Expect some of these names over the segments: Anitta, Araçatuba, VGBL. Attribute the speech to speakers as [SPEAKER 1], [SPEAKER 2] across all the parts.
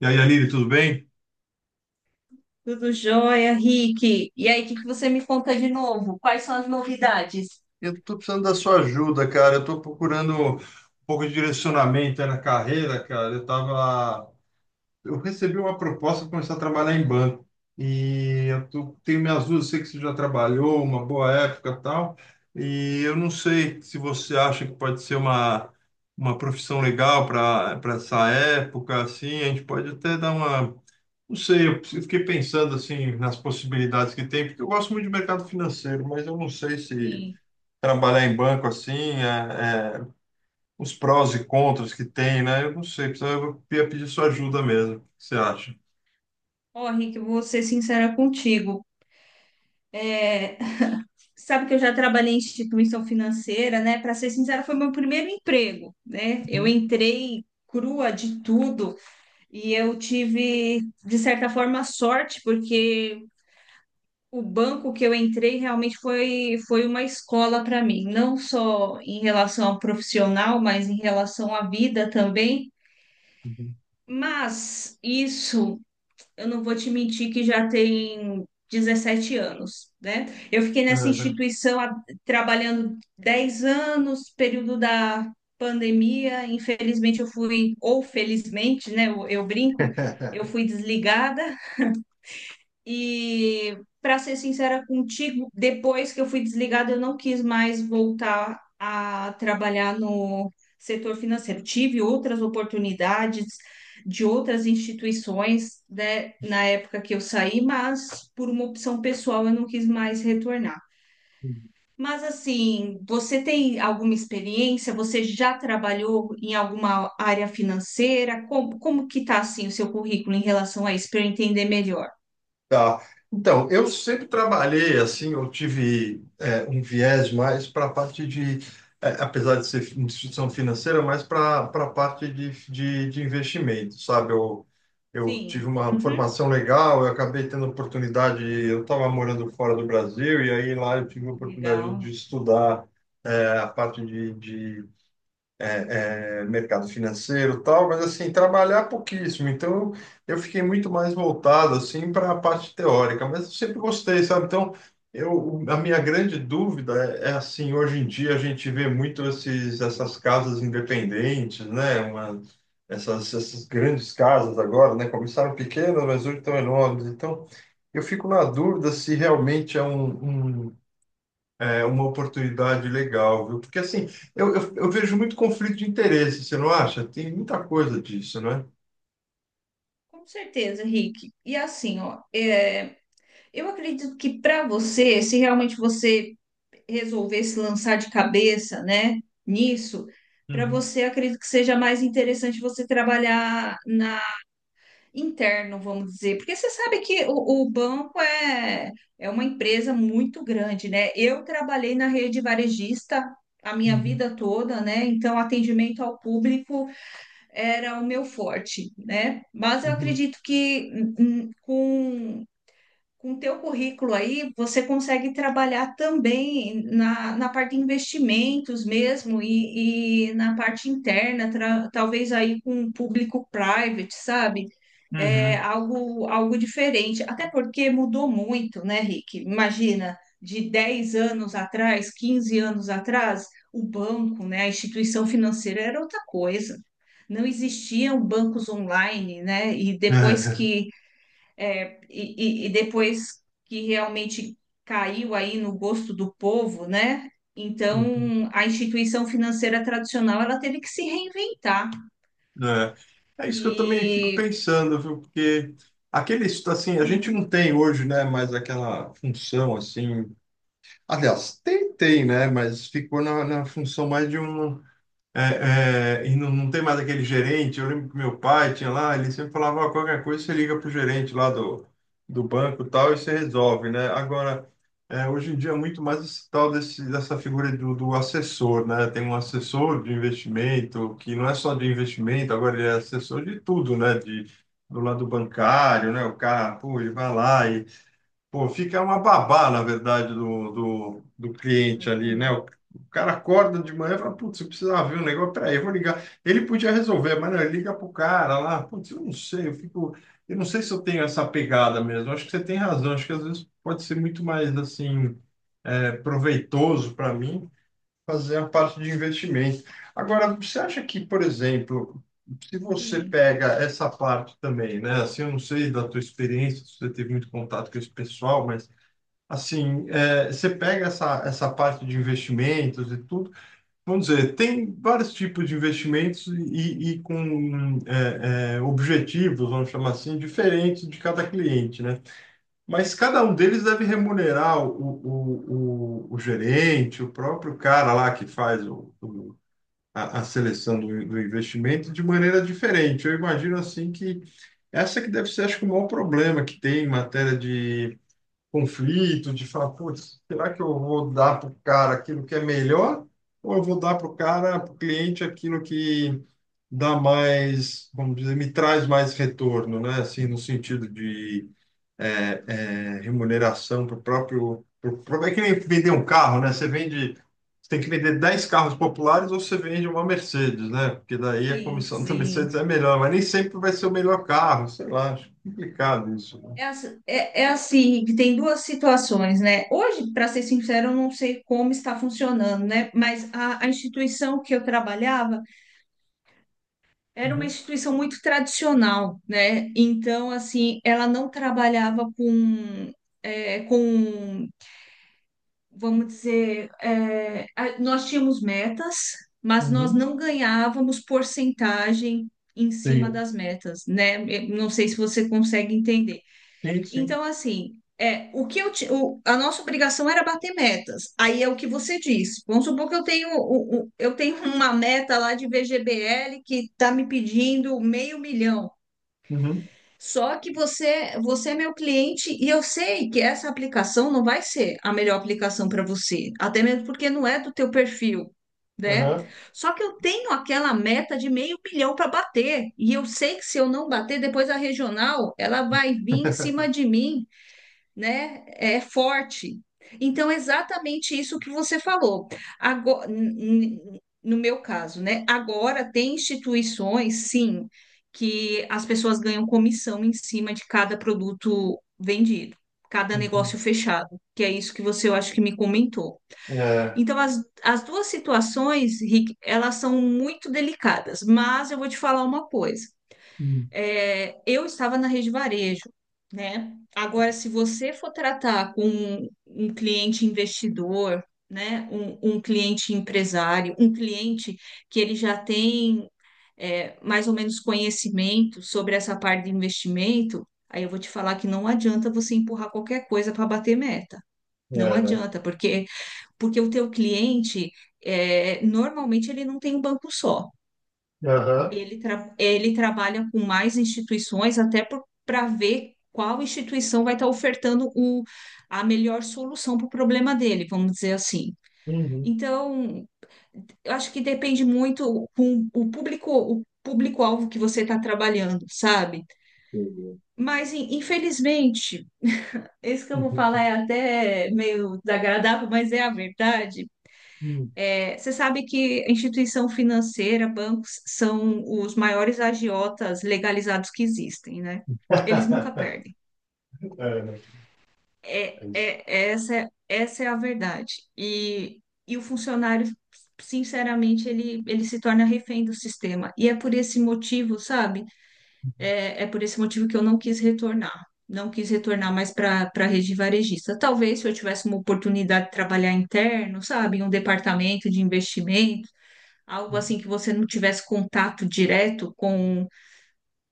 [SPEAKER 1] E aí, Aline, tudo bem?
[SPEAKER 2] Tudo jóia, Rick. E aí, o que que você me conta de novo? Quais são as novidades?
[SPEAKER 1] Eu estou precisando da sua ajuda, cara. Eu estou procurando um pouco de direcionamento aí na carreira, cara. Eu recebi uma proposta para começar a trabalhar em banco e tenho minhas dúvidas. Sei que você já trabalhou uma boa época, e tal. E eu não sei se você acha que pode ser uma profissão legal para essa época, assim. A gente pode até dar uma... Não sei, eu fiquei pensando assim nas possibilidades que tem, porque eu gosto muito de mercado financeiro, mas eu não sei se
[SPEAKER 2] Sim.
[SPEAKER 1] trabalhar em banco assim, os prós e contras que tem, né? Eu não sei, eu ia pedir sua ajuda mesmo. O que você acha?
[SPEAKER 2] Ó, Rick, eu vou ser sincera contigo. É, sabe que eu já trabalhei em instituição financeira, né? Para ser sincera, foi meu primeiro emprego, né? Eu
[SPEAKER 1] Uhum,
[SPEAKER 2] entrei crua de tudo e eu tive, de certa forma, sorte, porque o banco que eu entrei realmente foi, foi uma escola para mim, não só em relação ao profissional, mas em relação à vida também.
[SPEAKER 1] uhum.
[SPEAKER 2] Mas isso, eu não vou te mentir que já tem 17 anos, né? Eu fiquei nessa
[SPEAKER 1] É,
[SPEAKER 2] instituição há- Trabalhando 10 anos, período da pandemia. Infelizmente, eu fui, ou felizmente, né? Eu brinco, eu
[SPEAKER 1] né?
[SPEAKER 2] fui desligada. E, para ser sincera contigo, depois que eu fui desligada, eu não quis mais voltar a trabalhar no setor financeiro. Tive outras oportunidades de outras instituições, né, na época que eu saí, mas por uma opção pessoal eu não quis mais retornar. Mas assim, você tem alguma experiência? Você já trabalhou em alguma área financeira? Como que está assim o seu currículo em relação a isso, para eu entender melhor?
[SPEAKER 1] Tá. Então, eu sempre trabalhei assim, eu tive um viés mais para a parte de apesar de ser instituição financeira, mais para a parte de investimento, sabe? Eu tive
[SPEAKER 2] Sim.
[SPEAKER 1] uma formação legal, eu acabei tendo oportunidade, eu estava morando fora do Brasil, e aí lá eu tive a oportunidade de
[SPEAKER 2] Legal,
[SPEAKER 1] estudar a parte de mercado financeiro e tal, mas assim, trabalhar é pouquíssimo. Então, eu fiquei muito mais voltado assim para a parte teórica, mas eu sempre gostei, sabe? Então, eu, a minha grande dúvida assim, hoje em dia a gente vê muito essas casas independentes, né? Uma, essas grandes casas agora, né? Começaram pequenas, mas hoje estão enormes. Então, eu fico na dúvida se realmente é uma oportunidade legal, viu? Porque assim, eu vejo muito conflito de interesse, você não acha? Tem muita coisa disso, né?
[SPEAKER 2] com certeza, Rick. E assim, ó, eu acredito que para você, se realmente você resolver se lançar de cabeça, né, nisso, para
[SPEAKER 1] Uhum,
[SPEAKER 2] você, acredito que seja mais interessante você trabalhar na interno, vamos dizer, porque você sabe que o banco é uma empresa muito grande, né? Eu trabalhei na rede varejista a minha
[SPEAKER 1] uhum,
[SPEAKER 2] vida toda, né? Então, atendimento ao público era o meu forte, né? Mas eu
[SPEAKER 1] uhum,
[SPEAKER 2] acredito que com o teu currículo aí, você consegue trabalhar também na parte de investimentos mesmo e na parte interna, talvez aí com o público private, sabe? É
[SPEAKER 1] uhum,
[SPEAKER 2] algo, algo diferente. Até porque mudou muito, né, Rick? Imagina, de 10 anos atrás, 15 anos atrás, o banco, né, a instituição financeira era outra coisa. Não existiam bancos online, né? E depois que depois que realmente caiu aí no gosto do povo, né?
[SPEAKER 1] uhum.
[SPEAKER 2] Então, a instituição financeira tradicional, ela teve que se reinventar.
[SPEAKER 1] É, é isso que eu também fico
[SPEAKER 2] E...
[SPEAKER 1] pensando, viu? Porque aquele, assim, a gente
[SPEAKER 2] Uhum,
[SPEAKER 1] não tem hoje, né, mais aquela função, assim... Aliás, tem, tem, né? Mas ficou na função mais de um... É, é, e não, não tem mais aquele gerente. Eu lembro que meu pai tinha lá, ele sempre falava, "Ó, qualquer coisa você liga pro gerente lá do, do banco e tal e você resolve, né?" Agora, hoje em dia é muito mais esse tal dessa figura do assessor, né? Tem um assessor de investimento, que não é só de investimento, agora ele é assessor de tudo, né? De, do lado bancário, né? O cara, pô, ele vai lá e... Pô, fica uma babá, na verdade, do cliente ali, né?
[SPEAKER 2] exatamente.
[SPEAKER 1] O cara acorda de manhã e fala, putz, eu precisava ver um negócio, peraí, eu vou ligar. Ele podia resolver, mas não, ele liga pro cara lá, putz, eu não sei, eu fico, eu não sei se eu tenho essa pegada mesmo. Acho que você tem razão, acho que às vezes pode ser muito mais, assim, proveitoso para mim fazer a parte de investimento. Agora, você acha que, por exemplo, se você
[SPEAKER 2] Sim,
[SPEAKER 1] pega essa parte também, né? Assim, eu não sei da tua experiência, se você teve muito contato com esse pessoal, mas... Assim, é, você pega essa parte de investimentos e tudo, vamos dizer, tem vários tipos de investimentos e com objetivos, vamos chamar assim, diferentes de cada cliente, né? Mas cada um deles deve remunerar o gerente, o próprio cara lá que faz a seleção do investimento de maneira diferente. Eu imagino assim que essa que deve ser, acho que, o maior problema que tem em matéria de conflito, de falar, putz, será que eu vou dar para o cara aquilo que é melhor? Ou eu vou dar para o cara, para o cliente, aquilo que dá mais, vamos dizer, me traz mais retorno, né? Assim, no sentido de é, remuneração para o próprio. É que nem vender um carro, né? Você vende. Você tem que vender 10 carros populares ou você vende uma Mercedes, né? Porque daí a
[SPEAKER 2] sim,
[SPEAKER 1] comissão da
[SPEAKER 2] sim.
[SPEAKER 1] Mercedes é melhor, mas nem sempre vai ser o melhor carro, sei lá, acho complicado isso, né?
[SPEAKER 2] É assim, que tem duas situações, né? Hoje, para ser sincero, eu não sei como está funcionando, né? Mas a instituição que eu trabalhava era uma
[SPEAKER 1] Uhum,
[SPEAKER 2] instituição muito tradicional, né? Então, assim, ela não trabalhava com, vamos dizer, nós tínhamos metas, mas nós
[SPEAKER 1] uhum.
[SPEAKER 2] não ganhávamos porcentagem em cima
[SPEAKER 1] Sim.
[SPEAKER 2] das metas, né? Eu não sei se você consegue entender.
[SPEAKER 1] Sim, sim.
[SPEAKER 2] Então, assim, o que eu a nossa obrigação era bater metas. Aí é o que você disse. Vamos supor que eu tenho, eu tenho uma meta lá de VGBL que está me pedindo meio milhão.
[SPEAKER 1] Uhum.
[SPEAKER 2] Só que você, você é meu cliente e eu sei que essa aplicação não vai ser a melhor aplicação para você, até mesmo porque não é do teu perfil, né?
[SPEAKER 1] Aham.
[SPEAKER 2] Só que eu tenho aquela meta de meio milhão para bater e eu sei que se eu não bater, depois a regional ela vai vir em cima de mim, né? É forte. Então, é exatamente isso que você falou. Agora, no meu caso, né? Agora tem instituições, sim, que as pessoas ganham comissão em cima de cada produto vendido, cada
[SPEAKER 1] Uhum.
[SPEAKER 2] negócio fechado, que é isso que você, eu acho que me comentou.
[SPEAKER 1] É.
[SPEAKER 2] Então, as duas situações, Rick, elas são muito delicadas, mas eu vou te falar uma coisa.
[SPEAKER 1] Uhum.
[SPEAKER 2] É, eu estava na rede varejo, né? Agora, se você for tratar com um cliente investidor, né? Um cliente empresário, um cliente que ele já tem mais ou menos conhecimento sobre essa parte de investimento, aí eu vou te falar que não adianta você empurrar qualquer coisa para bater meta. Não
[SPEAKER 1] É, né?
[SPEAKER 2] adianta, porque porque o teu cliente, normalmente ele não tem um banco só.
[SPEAKER 1] Aham.
[SPEAKER 2] Ele, ele trabalha com mais instituições, até para ver qual instituição vai estar ofertando a melhor solução para o problema dele, vamos dizer assim.
[SPEAKER 1] Uhum.
[SPEAKER 2] Então, eu acho que depende muito com o público, o público-alvo que você está trabalhando, sabe?
[SPEAKER 1] Entendeu?
[SPEAKER 2] Mas, infelizmente, isso que eu vou falar
[SPEAKER 1] Uhum.
[SPEAKER 2] é até meio desagradável, mas é a verdade.
[SPEAKER 1] Uhum.
[SPEAKER 2] Você sabe que instituição financeira, bancos, são os maiores agiotas legalizados que existem, né? Eles nunca perdem.
[SPEAKER 1] É, né? É isso.
[SPEAKER 2] Essa é a verdade. E o funcionário, sinceramente, ele se torna refém do sistema. E é por esse motivo, sabe? É por esse motivo que eu não quis retornar. Não quis retornar mais para para a rede varejista. Talvez se eu tivesse uma oportunidade de trabalhar interno, sabe? Em um departamento de investimento. Algo
[SPEAKER 1] Uhum.
[SPEAKER 2] assim que você não tivesse contato direto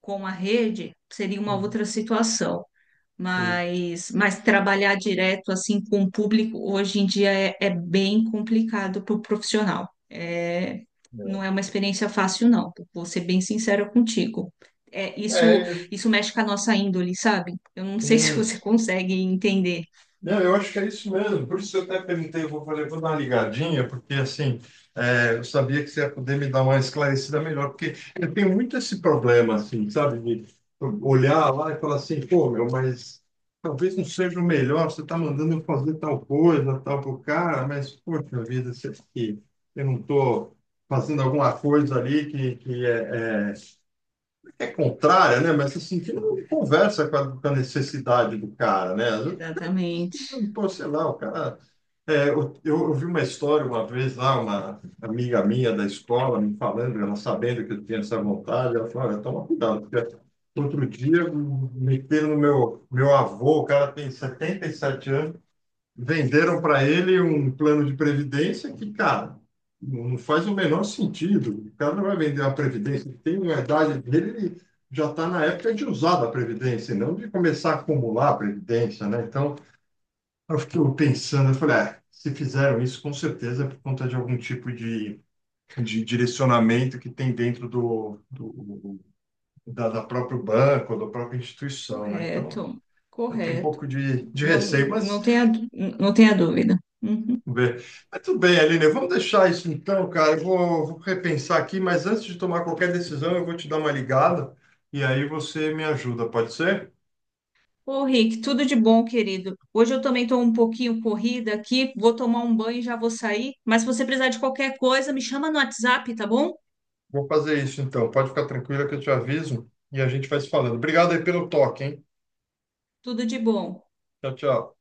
[SPEAKER 2] com a rede seria uma outra situação.
[SPEAKER 1] Uhum.
[SPEAKER 2] Mas trabalhar direto assim com o público hoje em dia é bem complicado para o profissional. Não
[SPEAKER 1] Uhum.
[SPEAKER 2] é uma experiência fácil, não. Vou ser bem sincera contigo. É, isso,
[SPEAKER 1] É.
[SPEAKER 2] isso mexe com a nossa índole, sabe? Eu não sei se
[SPEAKER 1] É,
[SPEAKER 2] você
[SPEAKER 1] isso.
[SPEAKER 2] consegue entender.
[SPEAKER 1] Não, eu acho que é isso mesmo. Por isso eu até perguntei, eu vou, falei, vou dar uma ligadinha, porque assim, eu sabia que você ia poder me dar uma esclarecida melhor, porque eu tenho muito esse problema, assim, sabe, de olhar lá e falar assim, pô, meu, mas talvez não seja o melhor, você está mandando eu fazer tal coisa, tal pro cara, mas, poxa vida, será que eu não estou fazendo alguma coisa ali que é é contrária, né? Mas assim, que não conversa com com a necessidade do cara, né? Às vezes,
[SPEAKER 2] Exatamente.
[SPEAKER 1] pô, sei lá, o cara eu ouvi uma história uma vez lá, uma amiga minha da escola me falando, ela sabendo que eu tinha essa vontade, ela falou, olha, toma cuidado, porque outro dia meteram no meu avô, o cara tem 77 anos, venderam para ele um plano de previdência que, cara, não faz o menor sentido. O cara não vai vender uma previdência, ele tem uma idade dele, ele já está na época de usar da previdência, e não de começar a acumular a previdência, né? Então, eu fiquei pensando, eu falei, ah, se fizeram isso, com certeza é por conta de algum tipo de direcionamento que tem dentro do da, da próprio banco, da própria instituição, né? Então,
[SPEAKER 2] Correto,
[SPEAKER 1] eu tenho um
[SPEAKER 2] correto.
[SPEAKER 1] pouco de receio,
[SPEAKER 2] Não,
[SPEAKER 1] mas
[SPEAKER 2] não tenha dúvida. Uhum.
[SPEAKER 1] vamos ver. Mas tudo bem, Aline, vamos deixar isso então, cara. Eu vou, vou repensar aqui, mas antes de tomar qualquer decisão, eu vou te dar uma ligada e aí você me ajuda, pode ser?
[SPEAKER 2] Ô, Rick, tudo de bom, querido. Hoje eu também estou um pouquinho corrida aqui, vou tomar um banho e já vou sair. Mas se você precisar de qualquer coisa, me chama no WhatsApp, tá bom?
[SPEAKER 1] Vou fazer isso então. Pode ficar tranquila que eu te aviso e a gente vai se falando. Obrigado aí pelo toque, hein?
[SPEAKER 2] Tudo de bom.
[SPEAKER 1] Tchau, tchau.